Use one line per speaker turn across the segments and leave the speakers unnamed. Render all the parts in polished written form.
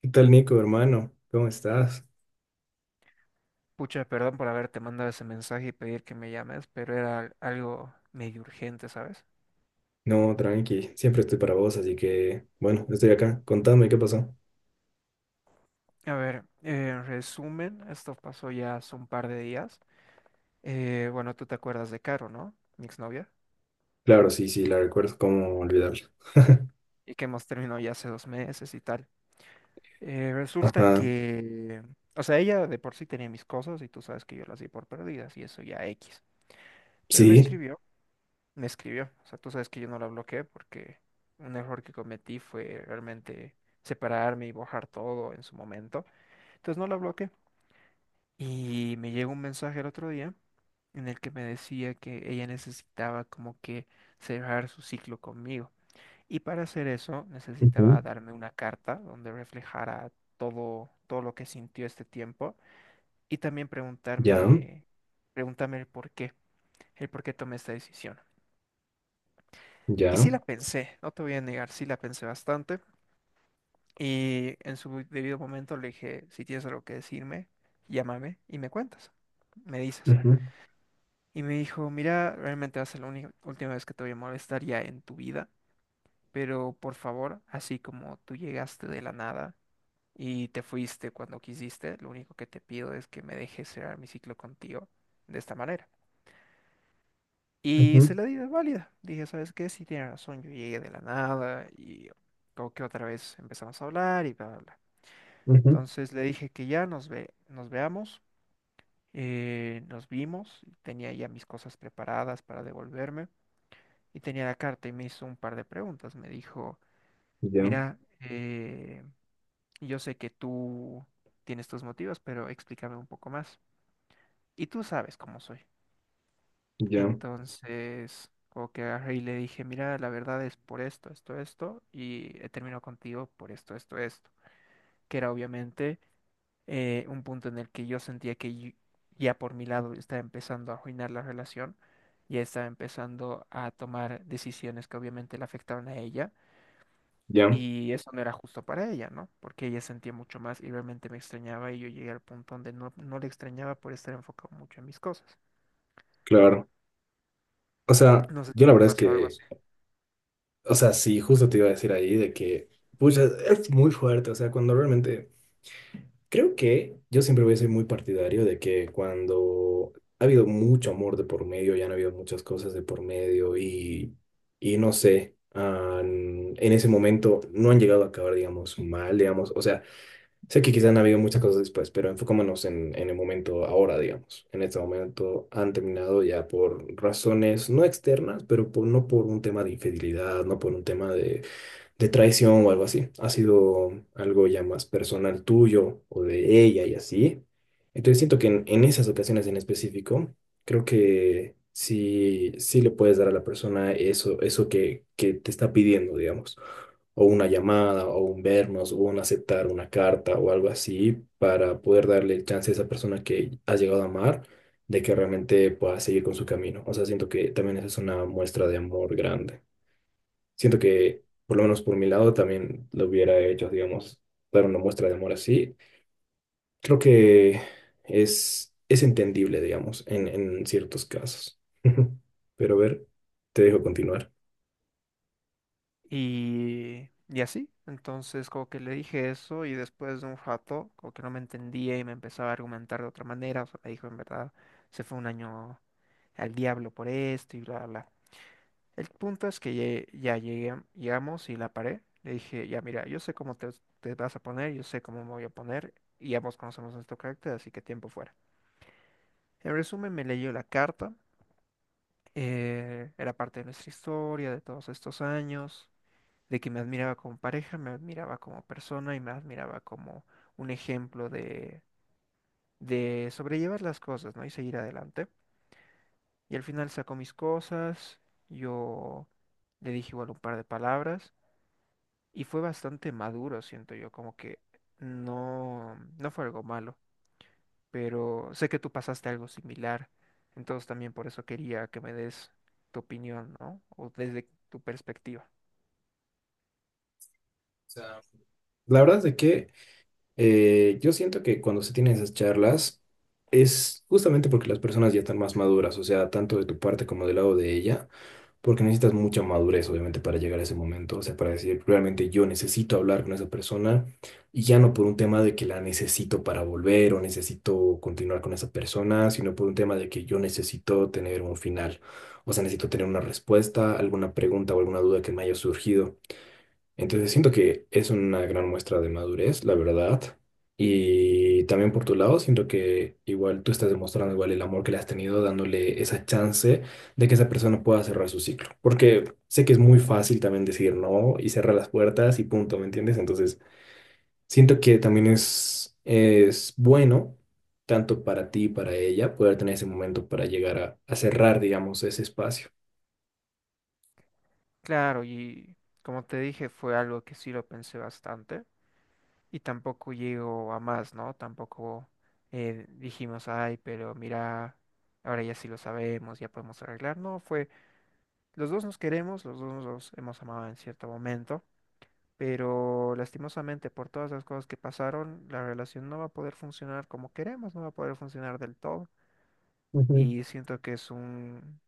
¿Qué tal, Nico, hermano? ¿Cómo estás?
Pucha, perdón por haberte mandado ese mensaje y pedir que me llames, pero era algo medio urgente, ¿sabes?
No, tranqui, siempre estoy para vos, así que, bueno, estoy acá. Contame, ¿qué pasó?
A ver, en resumen, esto pasó ya hace un par de días. Bueno, tú te acuerdas de Caro, ¿no? Mi exnovia.
Claro, sí, sí, la recuerdo, cómo olvidarla.
Y que hemos terminado ya hace dos meses y tal. Resulta
Ajá,
que, o sea, ella de por sí tenía mis cosas y tú sabes que yo las di por perdidas y eso ya X. Pero me
sí,
escribió me escribió. O sea, tú sabes que yo no la bloqueé porque un error que cometí fue realmente separarme y borrar todo en su momento. Entonces no la bloqueé. Y me llegó un mensaje el otro día en el que me decía que ella necesitaba como que cerrar su ciclo conmigo. Y para hacer eso necesitaba
ujú,
darme una carta donde reflejara todo, todo lo que sintió este tiempo y también
ya,
preguntarme el por qué tomé esta decisión. Y sí
ya,
la pensé, no te voy a negar, sí la pensé bastante. Y en su debido momento le dije, si tienes algo que decirme, llámame y me cuentas, me dices.
ujú,
Y me dijo, mira, realmente va a ser la última vez que te voy a molestar ya en tu vida, pero por favor, así como tú llegaste de la nada y te fuiste cuando quisiste, lo único que te pido es que me dejes cerrar mi ciclo contigo de esta manera. Y se
ujú,
la di de válida. Dije, ¿sabes qué? Sí, tiene razón, yo llegué de la nada y como que otra vez empezamos a hablar y bla, bla, bla.
ujú,
Entonces le dije que ya nos veamos, nos vimos, y tenía ya mis cosas preparadas para devolverme y tenía la carta y me hizo un par de preguntas. Me dijo,
ya,
mira, yo sé que tú tienes tus motivos, pero explícame un poco más. Y tú sabes cómo soy.
ya,
Entonces, como que agarré y le dije, mira, la verdad es por esto, esto, esto, y he terminado contigo por esto, esto, esto, que era obviamente un punto en el que yo sentía que ya por mi lado estaba empezando a arruinar la relación, ya estaba empezando a tomar decisiones que obviamente le afectaban a ella,
ya,
y eso no era justo para ella, ¿no? Porque ella sentía mucho más y realmente me extrañaba y yo llegué al punto donde no, no le extrañaba por estar enfocado mucho en mis cosas.
claro. O sea,
No sé
yo la
si te
verdad es
pasó algo.
que, o sea, sí, justo te iba a decir ahí de que, pucha, es muy fuerte. O sea, cuando realmente creo que yo siempre voy a ser muy partidario de que cuando ha habido mucho amor de por medio, ya han habido muchas cosas de por medio y no sé, en ese momento no han llegado a acabar, digamos, mal, digamos. O sea, sé que quizás han habido muchas cosas después, pero enfocémonos en el momento ahora, digamos, en este momento han terminado ya por razones no externas, no por un tema de infidelidad, no por un tema de traición o algo así. Ha sido algo ya más personal tuyo o de ella y así. Entonces siento que en esas ocasiones en específico, creo que sí, sí le puedes dar a la persona eso, eso que te está pidiendo, digamos. O una llamada, o un vernos, o un aceptar una carta o algo así, para poder darle el chance a esa persona que has llegado a amar de que realmente pueda seguir con su camino. O sea, siento que también esa es una muestra de amor grande. Siento que, por lo menos por mi lado, también lo hubiera hecho, digamos, dar una muestra de amor así. Creo que es entendible, digamos, en ciertos casos. Pero a ver, te dejo continuar.
Y así, entonces como que le dije eso y después de un rato como que no me entendía y me empezaba a argumentar de otra manera, o sea, me dijo en verdad, se fue un año al diablo por esto y bla, bla. Bla". El punto es que llegué, llegamos y la paré, le dije, ya mira, yo sé cómo te vas a poner, yo sé cómo me voy a poner y ambos conocemos nuestro carácter, así que tiempo fuera. En resumen, me leyó la carta, era parte de nuestra historia de todos estos años de que me admiraba como pareja, me admiraba como persona y me admiraba como un ejemplo de sobrellevar las cosas, ¿no? Y seguir adelante. Y al final sacó mis cosas, yo le dije igual un par de palabras y fue bastante maduro, siento yo, como que no, no fue algo malo, pero sé que tú pasaste algo similar, entonces también por eso quería que me des tu opinión, ¿no? O desde tu perspectiva.
O sea, la verdad es de que yo siento que cuando se tienen esas charlas es justamente porque las personas ya están más maduras, o sea, tanto de tu parte como del lado de ella porque necesitas mucha madurez, obviamente, para llegar a ese momento, o sea, para decir, realmente yo necesito hablar con esa persona y ya no por un tema de que la necesito para volver o necesito continuar con esa persona, sino por un tema de que yo necesito tener un final, o sea, necesito tener una respuesta, alguna pregunta o alguna duda que me haya surgido. Entonces siento que es una gran muestra de madurez, la verdad. Y también por tu lado, siento que igual tú estás demostrando igual el amor que le has tenido, dándole esa chance de que esa persona pueda cerrar su ciclo. Porque sé que es muy fácil también decir no y cerrar las puertas y punto, ¿me entiendes? Entonces siento que también es bueno, tanto para ti y para ella, poder tener ese momento para llegar a cerrar, digamos, ese espacio.
Claro, y como te dije, fue algo que sí lo pensé bastante y tampoco llegó a más, ¿no? Tampoco dijimos, ay, pero mira, ahora ya sí lo sabemos, ya podemos arreglar. No, fue, los dos nos queremos, los dos nos hemos amado en cierto momento, pero lastimosamente por todas las cosas que pasaron, la relación no va a poder funcionar como queremos, no va a poder funcionar del todo.
Ujú.
Y siento que es un,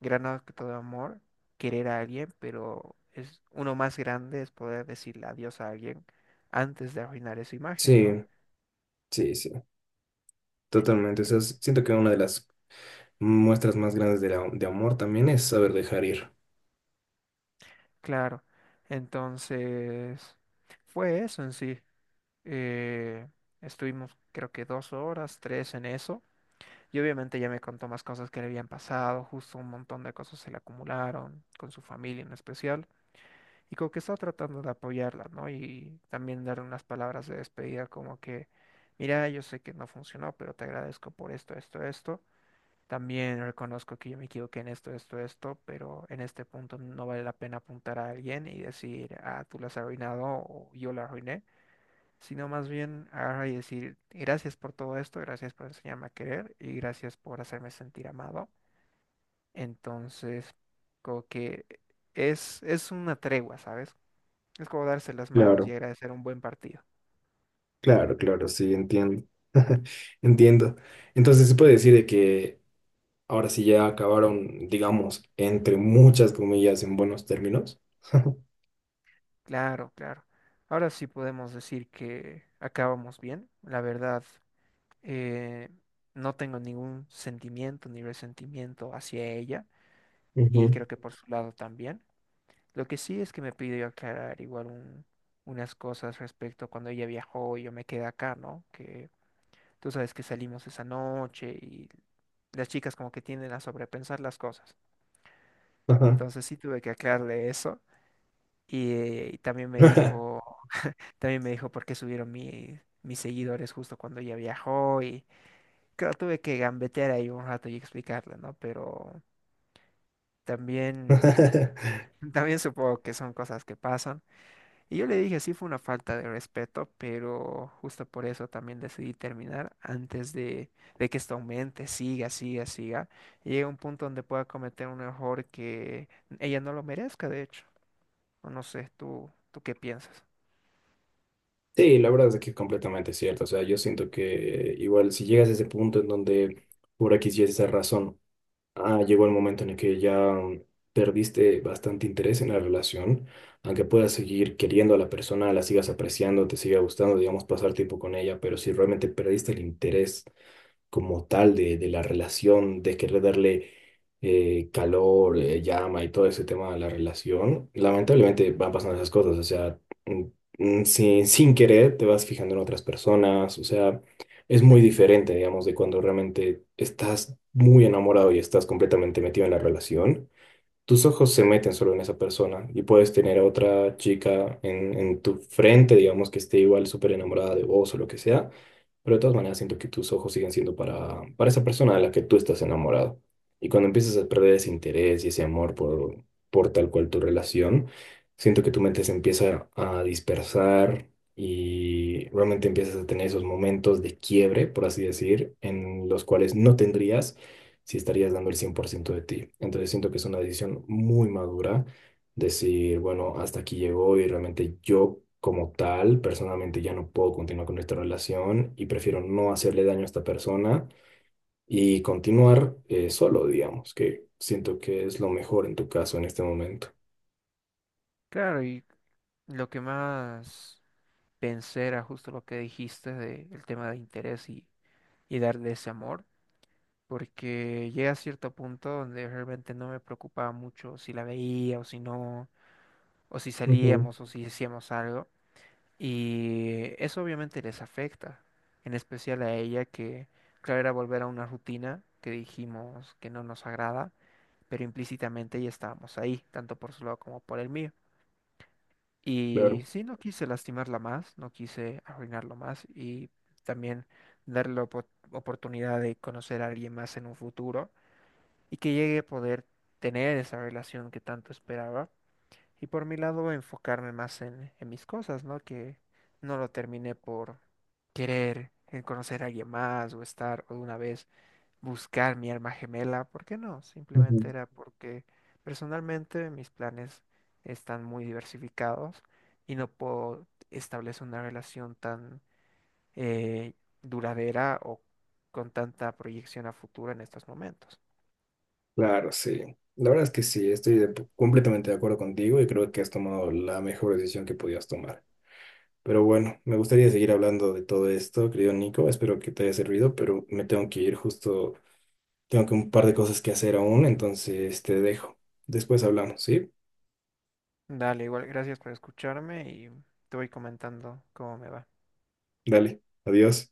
gran acto de amor querer a alguien, pero es uno más grande es poder decirle adiós a alguien antes de arruinar esa imagen, ¿no?
Sí, sí, sí, totalmente. O sea,
En-
siento que una de las muestras más grandes de amor también es saber dejar ir.
Claro. Entonces, fue eso en sí. Eh, Estuvimos creo que dos horas, tres en eso. Y obviamente ya me contó más cosas que le habían pasado, justo un montón de cosas se le acumularon, con su familia en especial. Y como que estaba tratando de apoyarla, ¿no? Y también darle unas palabras de despedida como que, mira, yo sé que no funcionó, pero te agradezco por esto, esto, esto. También reconozco que yo me equivoqué en esto, esto, esto, pero en este punto no vale la pena apuntar a alguien y decir, ah, tú la has arruinado o yo la arruiné, sino más bien agarrar y decir, gracias por todo esto, gracias por enseñarme a querer y gracias por hacerme sentir amado. Entonces, como que es una tregua, ¿sabes? Es como darse las manos y
Claro,
agradecer un buen partido.
claro, claro, sí, entiendo. Entiendo. Entonces se puede decir de que ahora sí ya acabaron, digamos, entre muchas comillas, en buenos términos.
Claro, claro. Ahora sí podemos decir que acabamos bien. La verdad, eh, no tengo ningún sentimiento ni resentimiento hacia ella y
Ujú,
creo que por su lado también. Lo que sí es que me pidió aclarar igual unas cosas respecto a cuando ella viajó y yo me quedé acá, ¿no? Que tú sabes que salimos esa noche y las chicas como que tienden a sobrepensar las cosas.
ajá.
Entonces sí tuve que aclararle eso. Y también me dijo por qué subieron mis seguidores justo cuando ella viajó. Y claro, tuve que gambetear ahí un rato y explicarle, ¿no? Pero también, también supongo que son cosas que pasan. Y yo le dije, sí fue una falta de respeto, pero justo por eso también decidí terminar antes de que esto aumente, siga, siga, siga. Y llegue a un punto donde pueda cometer un error que ella no lo merezca, de hecho. O no sé, ¿tú, tú qué piensas?
Sí, la verdad es que es completamente cierto. O sea, yo siento que igual si llegas a ese punto en donde por aquí sí es esa razón. Ah, llegó el momento en el que ya perdiste bastante interés en la relación, aunque puedas seguir queriendo a la persona, la sigas apreciando, te siga gustando, digamos, pasar tiempo con ella, pero si realmente perdiste el interés como tal de la relación, de querer darle calor, llama y todo ese tema de la relación, lamentablemente van pasando esas cosas, o sea, mm, sin querer te vas fijando en otras personas, o sea, es muy diferente, digamos, de cuando realmente estás muy enamorado y estás completamente metido en la relación. Tus ojos se meten solo en esa persona y puedes tener a otra chica en tu frente, digamos que esté igual súper enamorada de vos o lo que sea, pero de todas maneras siento que tus ojos siguen siendo para esa persona de la que tú estás enamorado. Y cuando empiezas a perder ese interés y ese amor por tal cual tu relación, siento que tu mente se empieza a dispersar y realmente empiezas a tener esos momentos de quiebre, por así decir, en los cuales no tendrías si estarías dando el 100% de ti. Entonces siento que es una decisión muy madura decir, bueno, hasta aquí llegó y realmente yo como tal, personalmente ya no puedo continuar con esta relación y prefiero no hacerle daño a esta persona y continuar solo, digamos, que siento que es lo mejor en tu caso en este momento.
Claro, y lo que más pensé era justo lo que dijiste de el tema de interés y darle ese amor. Porque llega a cierto punto donde realmente no me preocupaba mucho si la veía o si no o si
Ujú,
salíamos o si hacíamos algo. Y eso obviamente les afecta, en especial a ella que, claro, era volver a una rutina que dijimos que no nos agrada, pero implícitamente ya estábamos ahí, tanto por su lado como por el mío. Y
claro.
sí, no quise lastimarla más, no quise arruinarlo más y también darle la oportunidad de conocer a alguien más en un futuro y que llegue a poder tener esa relación que tanto esperaba. Y por mi lado, enfocarme más en mis cosas, ¿no? Que no lo terminé por querer conocer a alguien más o estar o de una vez buscar mi alma gemela. ¿Por qué no? Simplemente
Ujú.
era porque personalmente mis planes están muy diversificados y no puedo establecer una relación tan eh, duradera o con tanta proyección a futuro en estos momentos.
Claro, sí. La verdad es que sí, estoy completamente de acuerdo contigo y creo que has tomado la mejor decisión que podías tomar. Pero bueno, me gustaría seguir hablando de todo esto, querido Nico. Espero que te haya servido, pero me tengo que ir justo. Tengo que un par de cosas que hacer aún, entonces te dejo. Después hablamos, ¿sí?
Dale, igual, gracias por escucharme y te voy comentando cómo me va.
Dale, adiós.